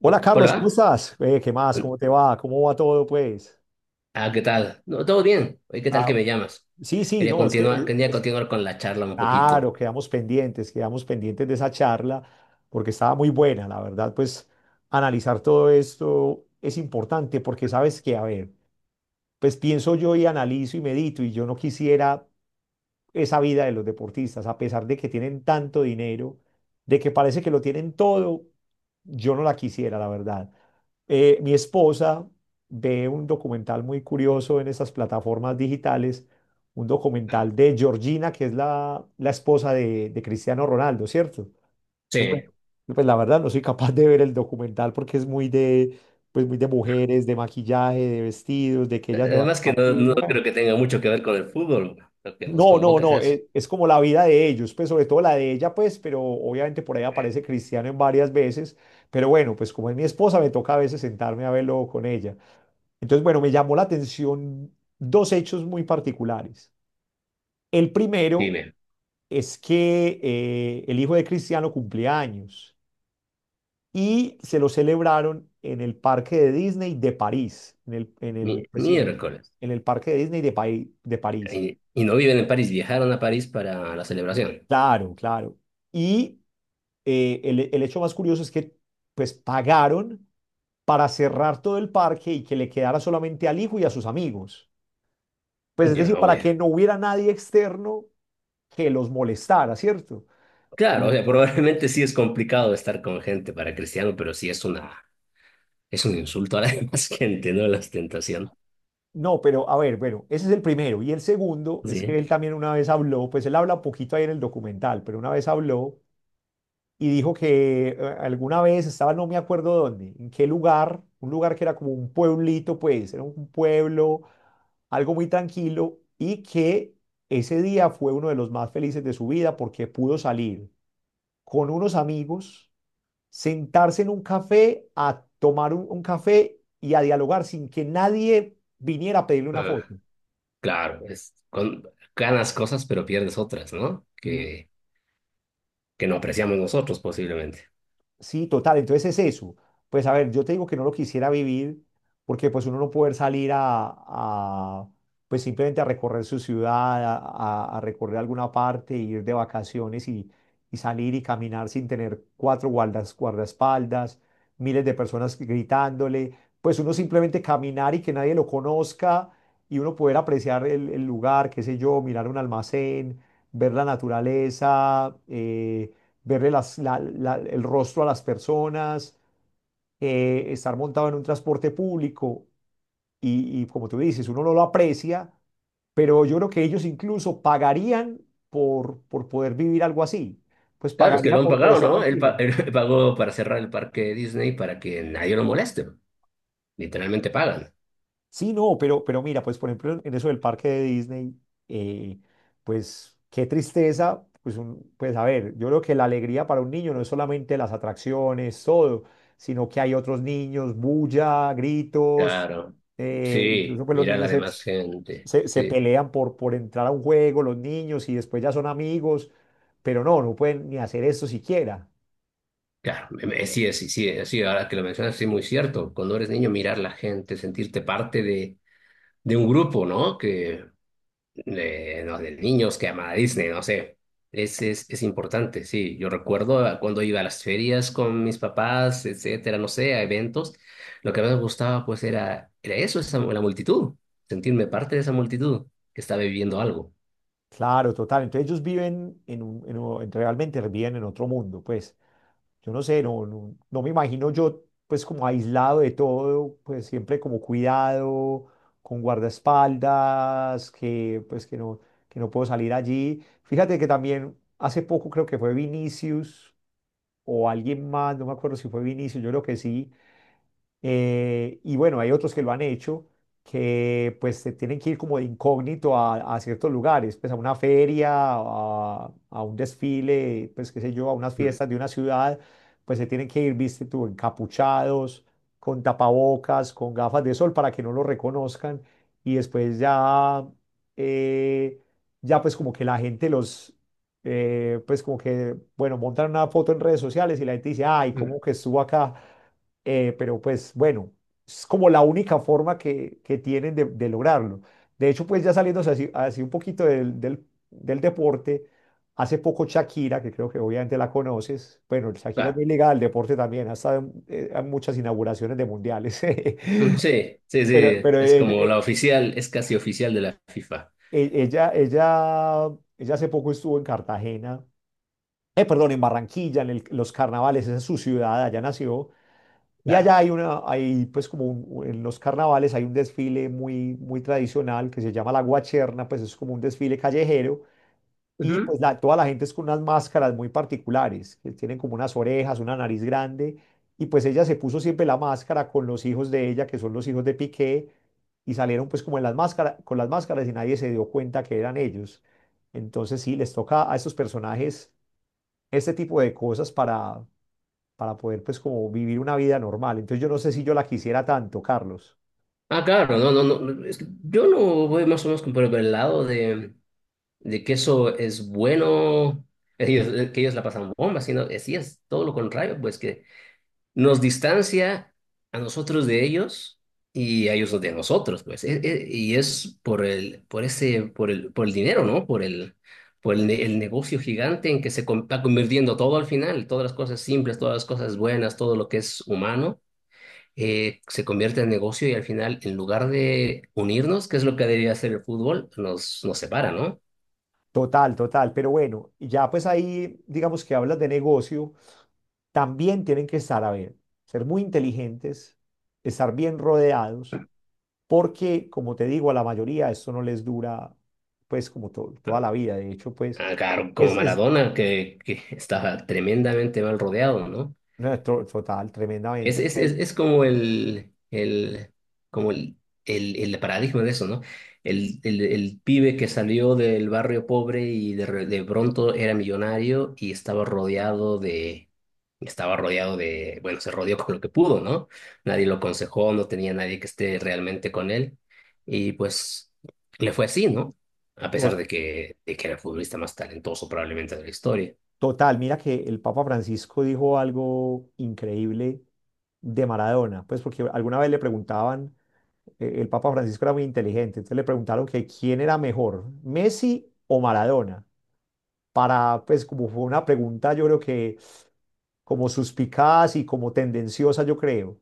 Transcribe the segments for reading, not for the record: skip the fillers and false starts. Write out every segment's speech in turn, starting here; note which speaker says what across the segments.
Speaker 1: Hola Carlos, ¿cómo
Speaker 2: Hola,
Speaker 1: estás? ¿Qué más? ¿Cómo te va? ¿Cómo va todo, pues?
Speaker 2: ¿qué tal? No, todo bien. Oye, ¿qué tal
Speaker 1: Ah,
Speaker 2: que me llamas?
Speaker 1: sí, sí,
Speaker 2: Quería
Speaker 1: no, es que,
Speaker 2: continuar, quería continuar con la charla un
Speaker 1: claro,
Speaker 2: poquito.
Speaker 1: quedamos pendientes de esa charla, porque estaba muy buena, la verdad, pues analizar todo esto es importante, porque sabes que, a ver, pues pienso yo y analizo y medito, y yo no quisiera esa vida de los deportistas, a pesar de que tienen tanto dinero, de que parece que lo tienen todo, yo no la quisiera, la verdad. Mi esposa ve un documental muy curioso en esas plataformas digitales, un documental de Georgina, que es la esposa de Cristiano Ronaldo, ¿cierto? Entonces, bueno,
Speaker 2: Sí.
Speaker 1: pues la verdad no soy capaz de ver el documental porque es muy pues muy de mujeres, de maquillaje, de vestidos, de que ellas se van
Speaker 2: Además
Speaker 1: a
Speaker 2: que no
Speaker 1: maquillar.
Speaker 2: creo que tenga mucho que ver con el fútbol. Lo que nos
Speaker 1: No, no,
Speaker 2: convoca es
Speaker 1: no,
Speaker 2: eso.
Speaker 1: es, como la vida de ellos, pues sobre todo la de ella, pues, pero obviamente por ahí aparece Cristiano en varias veces, pero bueno, pues como es mi esposa, me toca a veces sentarme a verlo con ella. Entonces, bueno, me llamó la atención dos hechos muy particulares. El primero
Speaker 2: Dime,
Speaker 1: es que el hijo de Cristiano cumplía años y se lo celebraron en el parque de Disney de París, pues sí, en el
Speaker 2: miércoles.
Speaker 1: en el parque de Disney de, de París.
Speaker 2: Y no viven en París, viajaron a París para la celebración.
Speaker 1: Claro, claro. Y el hecho más curioso es que pues pagaron para cerrar todo el parque y que le quedara solamente al hijo y a sus amigos. Pues es
Speaker 2: Ya,
Speaker 1: decir, para
Speaker 2: oye.
Speaker 1: que no hubiera nadie externo que los molestara, ¿cierto? Que
Speaker 2: Claro, o
Speaker 1: los-
Speaker 2: sea, probablemente sí es complicado estar con gente para Cristiano, pero sí es un insulto a la demás gente, ¿no? La ostentación.
Speaker 1: No, pero a ver, bueno, ese es el primero. Y el segundo es que
Speaker 2: Sí.
Speaker 1: él también una vez habló, pues él habla poquito ahí en el documental, pero una vez habló y dijo que alguna vez estaba, no me acuerdo dónde, en qué lugar, un lugar que era como un pueblito, pues, era un pueblo, algo muy tranquilo, y que ese día fue uno de los más felices de su vida porque pudo salir con unos amigos, sentarse en un café, a tomar un café y a dialogar sin que nadie viniera a pedirle una foto.
Speaker 2: Claro, ganas cosas pero pierdes otras, ¿no? Que no apreciamos nosotros posiblemente.
Speaker 1: Sí, total, entonces es eso. Pues a ver, yo te digo que no lo quisiera vivir porque pues uno no poder salir pues simplemente a recorrer su ciudad, a recorrer alguna parte, ir de vacaciones y salir y caminar sin tener cuatro guardaespaldas, miles de personas gritándole, pues uno simplemente caminar y que nadie lo conozca y uno poder apreciar el lugar, qué sé yo, mirar un almacén, ver la naturaleza. Verle el rostro a las personas, estar montado en un transporte público y como tú dices, uno no lo aprecia, pero yo creo que ellos incluso pagarían por poder vivir algo así, pues
Speaker 2: Claro, es que
Speaker 1: pagaría
Speaker 2: lo han
Speaker 1: por
Speaker 2: pagado,
Speaker 1: estar
Speaker 2: ¿no? Él,
Speaker 1: tranquilo.
Speaker 2: él pagó para cerrar el parque Disney para que nadie lo moleste. Literalmente pagan.
Speaker 1: Sí, no, pero mira, pues por ejemplo en eso del parque de Disney, eh, pues qué tristeza, pues, pues a ver, yo creo que la alegría para un niño no es solamente las atracciones, todo, sino que hay otros niños, bulla, gritos,
Speaker 2: Claro. Sí,
Speaker 1: incluso pues los
Speaker 2: mira la demás gente.
Speaker 1: se
Speaker 2: Sí,
Speaker 1: pelean por entrar a un juego, los niños, y después ya son amigos, pero no, no pueden ni hacer esto siquiera.
Speaker 2: claro. Sí, sí, sí, sí, ahora que lo mencionas, sí, muy cierto. Cuando eres niño, mirar la gente, sentirte parte de un grupo, ¿no? Que de, no, de niños que aman a Disney, no sé. Es importante, sí. Yo recuerdo a cuando iba a las ferias con mis papás, etcétera, no sé, a eventos. Lo que más me gustaba, pues, era eso, esa, la multitud. Sentirme parte de esa multitud que está viviendo algo.
Speaker 1: Claro, total, entonces ellos viven en un, realmente viven en otro mundo, pues. Yo no sé, no, no, no me imagino yo pues como aislado de todo, pues siempre como cuidado, con guardaespaldas, que pues que no puedo salir allí. Fíjate que también hace poco creo que fue Vinicius o alguien más, no me acuerdo si fue Vinicius, yo creo que sí y bueno, hay otros que lo han hecho, que pues se tienen que ir como de incógnito a ciertos lugares, pues a una feria, a un desfile, pues qué sé yo, a unas
Speaker 2: Mm,
Speaker 1: fiestas de una ciudad, pues se tienen que ir, viste tú, encapuchados, con tapabocas, con gafas de sol para que no lo reconozcan. Y después ya, eh, ya pues como que la gente los... pues como que, bueno, montan una foto en redes sociales y la gente dice, ay,
Speaker 2: mm.
Speaker 1: ¿cómo que estuvo acá? Pero pues bueno, es como la única forma que tienen de lograrlo. De hecho, pues ya saliéndose así, así un poquito del deporte, hace poco Shakira, que creo que obviamente la conoces, bueno, Shakira es
Speaker 2: Claro.
Speaker 1: muy ligada al deporte también, ha estado en muchas inauguraciones de mundiales,
Speaker 2: Mm. Sí, sí,
Speaker 1: pero, sí.
Speaker 2: sí.
Speaker 1: Pero
Speaker 2: Es
Speaker 1: ella,
Speaker 2: como la oficial, es casi oficial de la FIFA.
Speaker 1: e- ella, ella, ella hace poco estuvo en Cartagena, perdón, en Barranquilla, en los carnavales, esa es su ciudad, allá nació. Y
Speaker 2: Claro.
Speaker 1: allá hay una, hay pues como en los carnavales hay un desfile muy, muy tradicional que se llama la Guacherna, pues es como un desfile callejero y
Speaker 2: Ujú.
Speaker 1: pues toda la gente es con unas máscaras muy particulares, que tienen como unas orejas, una nariz grande y pues ella se puso siempre la máscara con los hijos de ella, que son los hijos de Piqué, y salieron pues como en las máscaras, con las máscaras y nadie se dio cuenta que eran ellos. Entonces sí, les toca a estos personajes este tipo de cosas para poder pues como vivir una vida normal. Entonces yo no sé si yo la quisiera tanto, Carlos.
Speaker 2: Ah, claro, no, no, no. Es que yo lo voy más o menos como por el lado de. De que eso es bueno, ellos, que ellos la pasan bomba, sino que sí es todo lo contrario, pues que nos distancia a nosotros de ellos y a ellos de nosotros, pues. Y es por el dinero, ¿no? El negocio gigante en que está convirtiendo todo al final, todas las cosas simples, todas las cosas buenas, todo lo que es humano. Se convierte en negocio y al final, en lugar de unirnos, que es lo que debería hacer el fútbol, nos separa, ¿no?
Speaker 1: Total, total, pero bueno, ya pues ahí digamos que hablas de negocio, también tienen que estar, a ver, ser muy inteligentes, estar bien rodeados, porque como te digo, a la mayoría esto no les dura pues como toda la vida, de hecho pues
Speaker 2: Ah, claro, como
Speaker 1: es
Speaker 2: Maradona, que estaba tremendamente mal rodeado, ¿no?
Speaker 1: no, total,
Speaker 2: Es,
Speaker 1: tremendamente,
Speaker 2: es, es, es como como el paradigma de eso, ¿no? El pibe que salió del barrio pobre y de pronto era millonario y estaba estaba rodeado de, bueno, se rodeó con lo que pudo, ¿no? Nadie lo aconsejó, no tenía nadie que esté realmente con él y pues le fue así, ¿no? A pesar
Speaker 1: To-
Speaker 2: de de que era el futbolista más talentoso probablemente de la historia.
Speaker 1: total, mira que el Papa Francisco dijo algo increíble de Maradona, pues porque alguna vez le preguntaban el Papa Francisco era muy inteligente, entonces le preguntaron que quién era mejor, Messi o Maradona, para, pues como fue una pregunta, yo creo que como suspicaz y como tendenciosa, yo creo,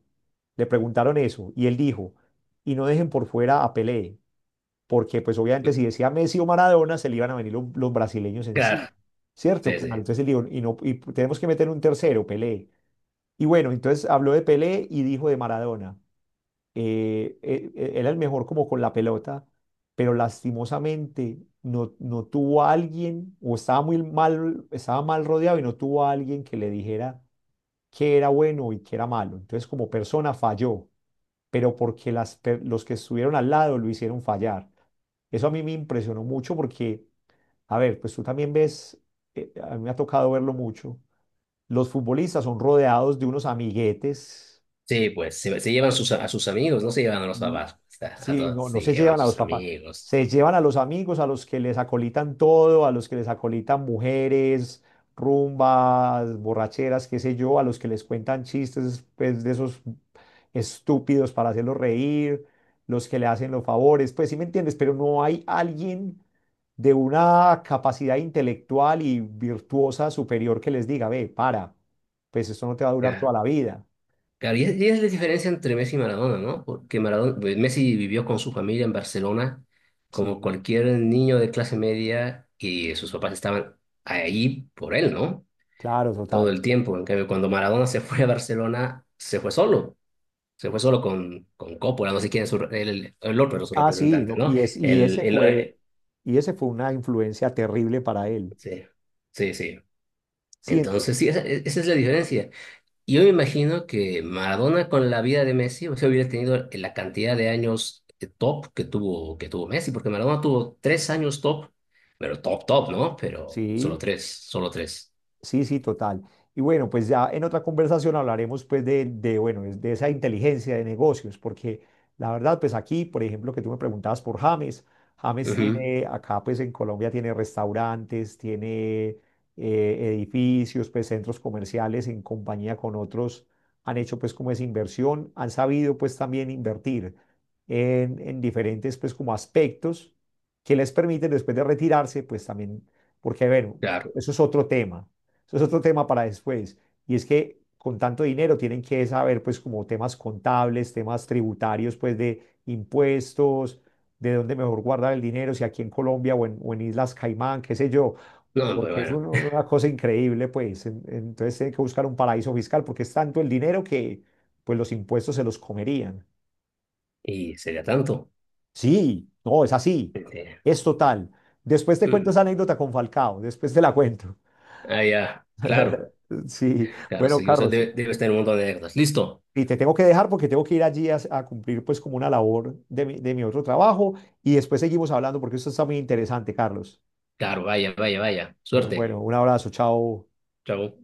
Speaker 1: le preguntaron eso y él dijo, y no dejen por fuera a Pelé, porque pues obviamente si decía Messi o Maradona, se le iban a venir los brasileños
Speaker 2: Claro,
Speaker 1: encima, ¿cierto?
Speaker 2: sí,
Speaker 1: Claro,
Speaker 2: sí.
Speaker 1: entonces él dijo, y, no, y tenemos que meter un tercero, Pelé. Y bueno, entonces habló de Pelé y dijo de Maradona era el mejor como con la pelota, pero lastimosamente no, no tuvo a alguien, o estaba muy mal, estaba mal rodeado y no tuvo a alguien que le dijera qué era bueno y qué era malo. Entonces, como persona falló, pero porque los que estuvieron al lado lo hicieron fallar. Eso a mí me impresionó mucho porque, a ver, pues tú también ves, a mí me ha tocado verlo mucho, los futbolistas son rodeados de unos amiguetes.
Speaker 2: Sí, pues se llevan sus, a sus amigos, no se llevan a los papás, pues, a
Speaker 1: Sí,
Speaker 2: todos
Speaker 1: no, no
Speaker 2: se
Speaker 1: se
Speaker 2: llevan
Speaker 1: llevan a los
Speaker 2: sus
Speaker 1: papás,
Speaker 2: amigos.
Speaker 1: se llevan a los amigos, a los que les acolitan todo, a los que les acolitan mujeres, rumbas, borracheras, qué sé yo, a los que les cuentan chistes, pues, de esos estúpidos para hacerlos reír, los que le hacen los favores, pues sí me entiendes, pero no hay alguien de una capacidad intelectual y virtuosa superior que les diga, ve, para, pues esto no te va a durar
Speaker 2: Claro.
Speaker 1: toda la vida.
Speaker 2: Claro, y es la diferencia entre Messi y Maradona, ¿no? Porque Maradona, pues, Messi vivió con su familia en Barcelona como
Speaker 1: Sí,
Speaker 2: cualquier niño de clase media y sus papás estaban ahí por él, ¿no?
Speaker 1: claro,
Speaker 2: Todo
Speaker 1: total.
Speaker 2: el tiempo. En cambio, cuando Maradona se fue a Barcelona, se fue solo. Se fue solo con Coppola, no sé quién es su el otro, era su
Speaker 1: Ah, sí,
Speaker 2: representante,
Speaker 1: no,
Speaker 2: ¿no?
Speaker 1: y, es,
Speaker 2: El, el,
Speaker 1: fue,
Speaker 2: eh,
Speaker 1: y ese fue una influencia terrible para él.
Speaker 2: sí, sí, sí.
Speaker 1: Sí,
Speaker 2: Entonces, sí, esa es la diferencia. Y yo me imagino que Maradona con la vida de Messi, o sea, hubiera tenido la cantidad de años top que tuvo Messi, porque Maradona tuvo 3 años top, pero top, top, ¿no? Pero solo
Speaker 1: sí,
Speaker 2: tres, solo tres.
Speaker 1: sí, sí, total. Y bueno, pues ya en otra conversación hablaremos pues bueno, de esa inteligencia de negocios, porque la verdad, pues aquí, por ejemplo, que tú me preguntabas por James, James
Speaker 2: Ujú,
Speaker 1: tiene, acá pues en Colombia tiene restaurantes, tiene edificios, pues centros comerciales en compañía con otros, han hecho pues como esa inversión, han sabido pues también invertir en diferentes pues como aspectos que les permiten después de retirarse pues también, porque bueno,
Speaker 2: claro.
Speaker 1: eso es otro tema eso es otro tema para después. Y es que con tanto dinero tienen que saber, pues, como temas contables, temas tributarios, pues, de impuestos, de dónde mejor guardar el dinero, si aquí en Colombia o en Islas Caimán, qué sé yo,
Speaker 2: No, pero
Speaker 1: porque es
Speaker 2: bueno,
Speaker 1: una cosa increíble, pues. Entonces tienen que buscar un paraíso fiscal porque es tanto el dinero que, pues, los impuestos se los comerían.
Speaker 2: y sería tanto.
Speaker 1: Sí, no, es así,
Speaker 2: Este,
Speaker 1: es total. Después te cuento
Speaker 2: mm,
Speaker 1: esa anécdota con Falcao, después te la cuento.
Speaker 2: ah, ya, claro,
Speaker 1: Sí,
Speaker 2: claro,
Speaker 1: bueno,
Speaker 2: sí, o sea,
Speaker 1: Carlos,
Speaker 2: debe estar en un montón de anécdotas. Listo.
Speaker 1: y te tengo que dejar porque tengo que ir allí a cumplir pues como una labor de mi otro trabajo y después seguimos hablando porque esto está muy interesante, Carlos.
Speaker 2: Claro, vaya, vaya, vaya. Suerte.
Speaker 1: Bueno, un abrazo, chao.
Speaker 2: Chao.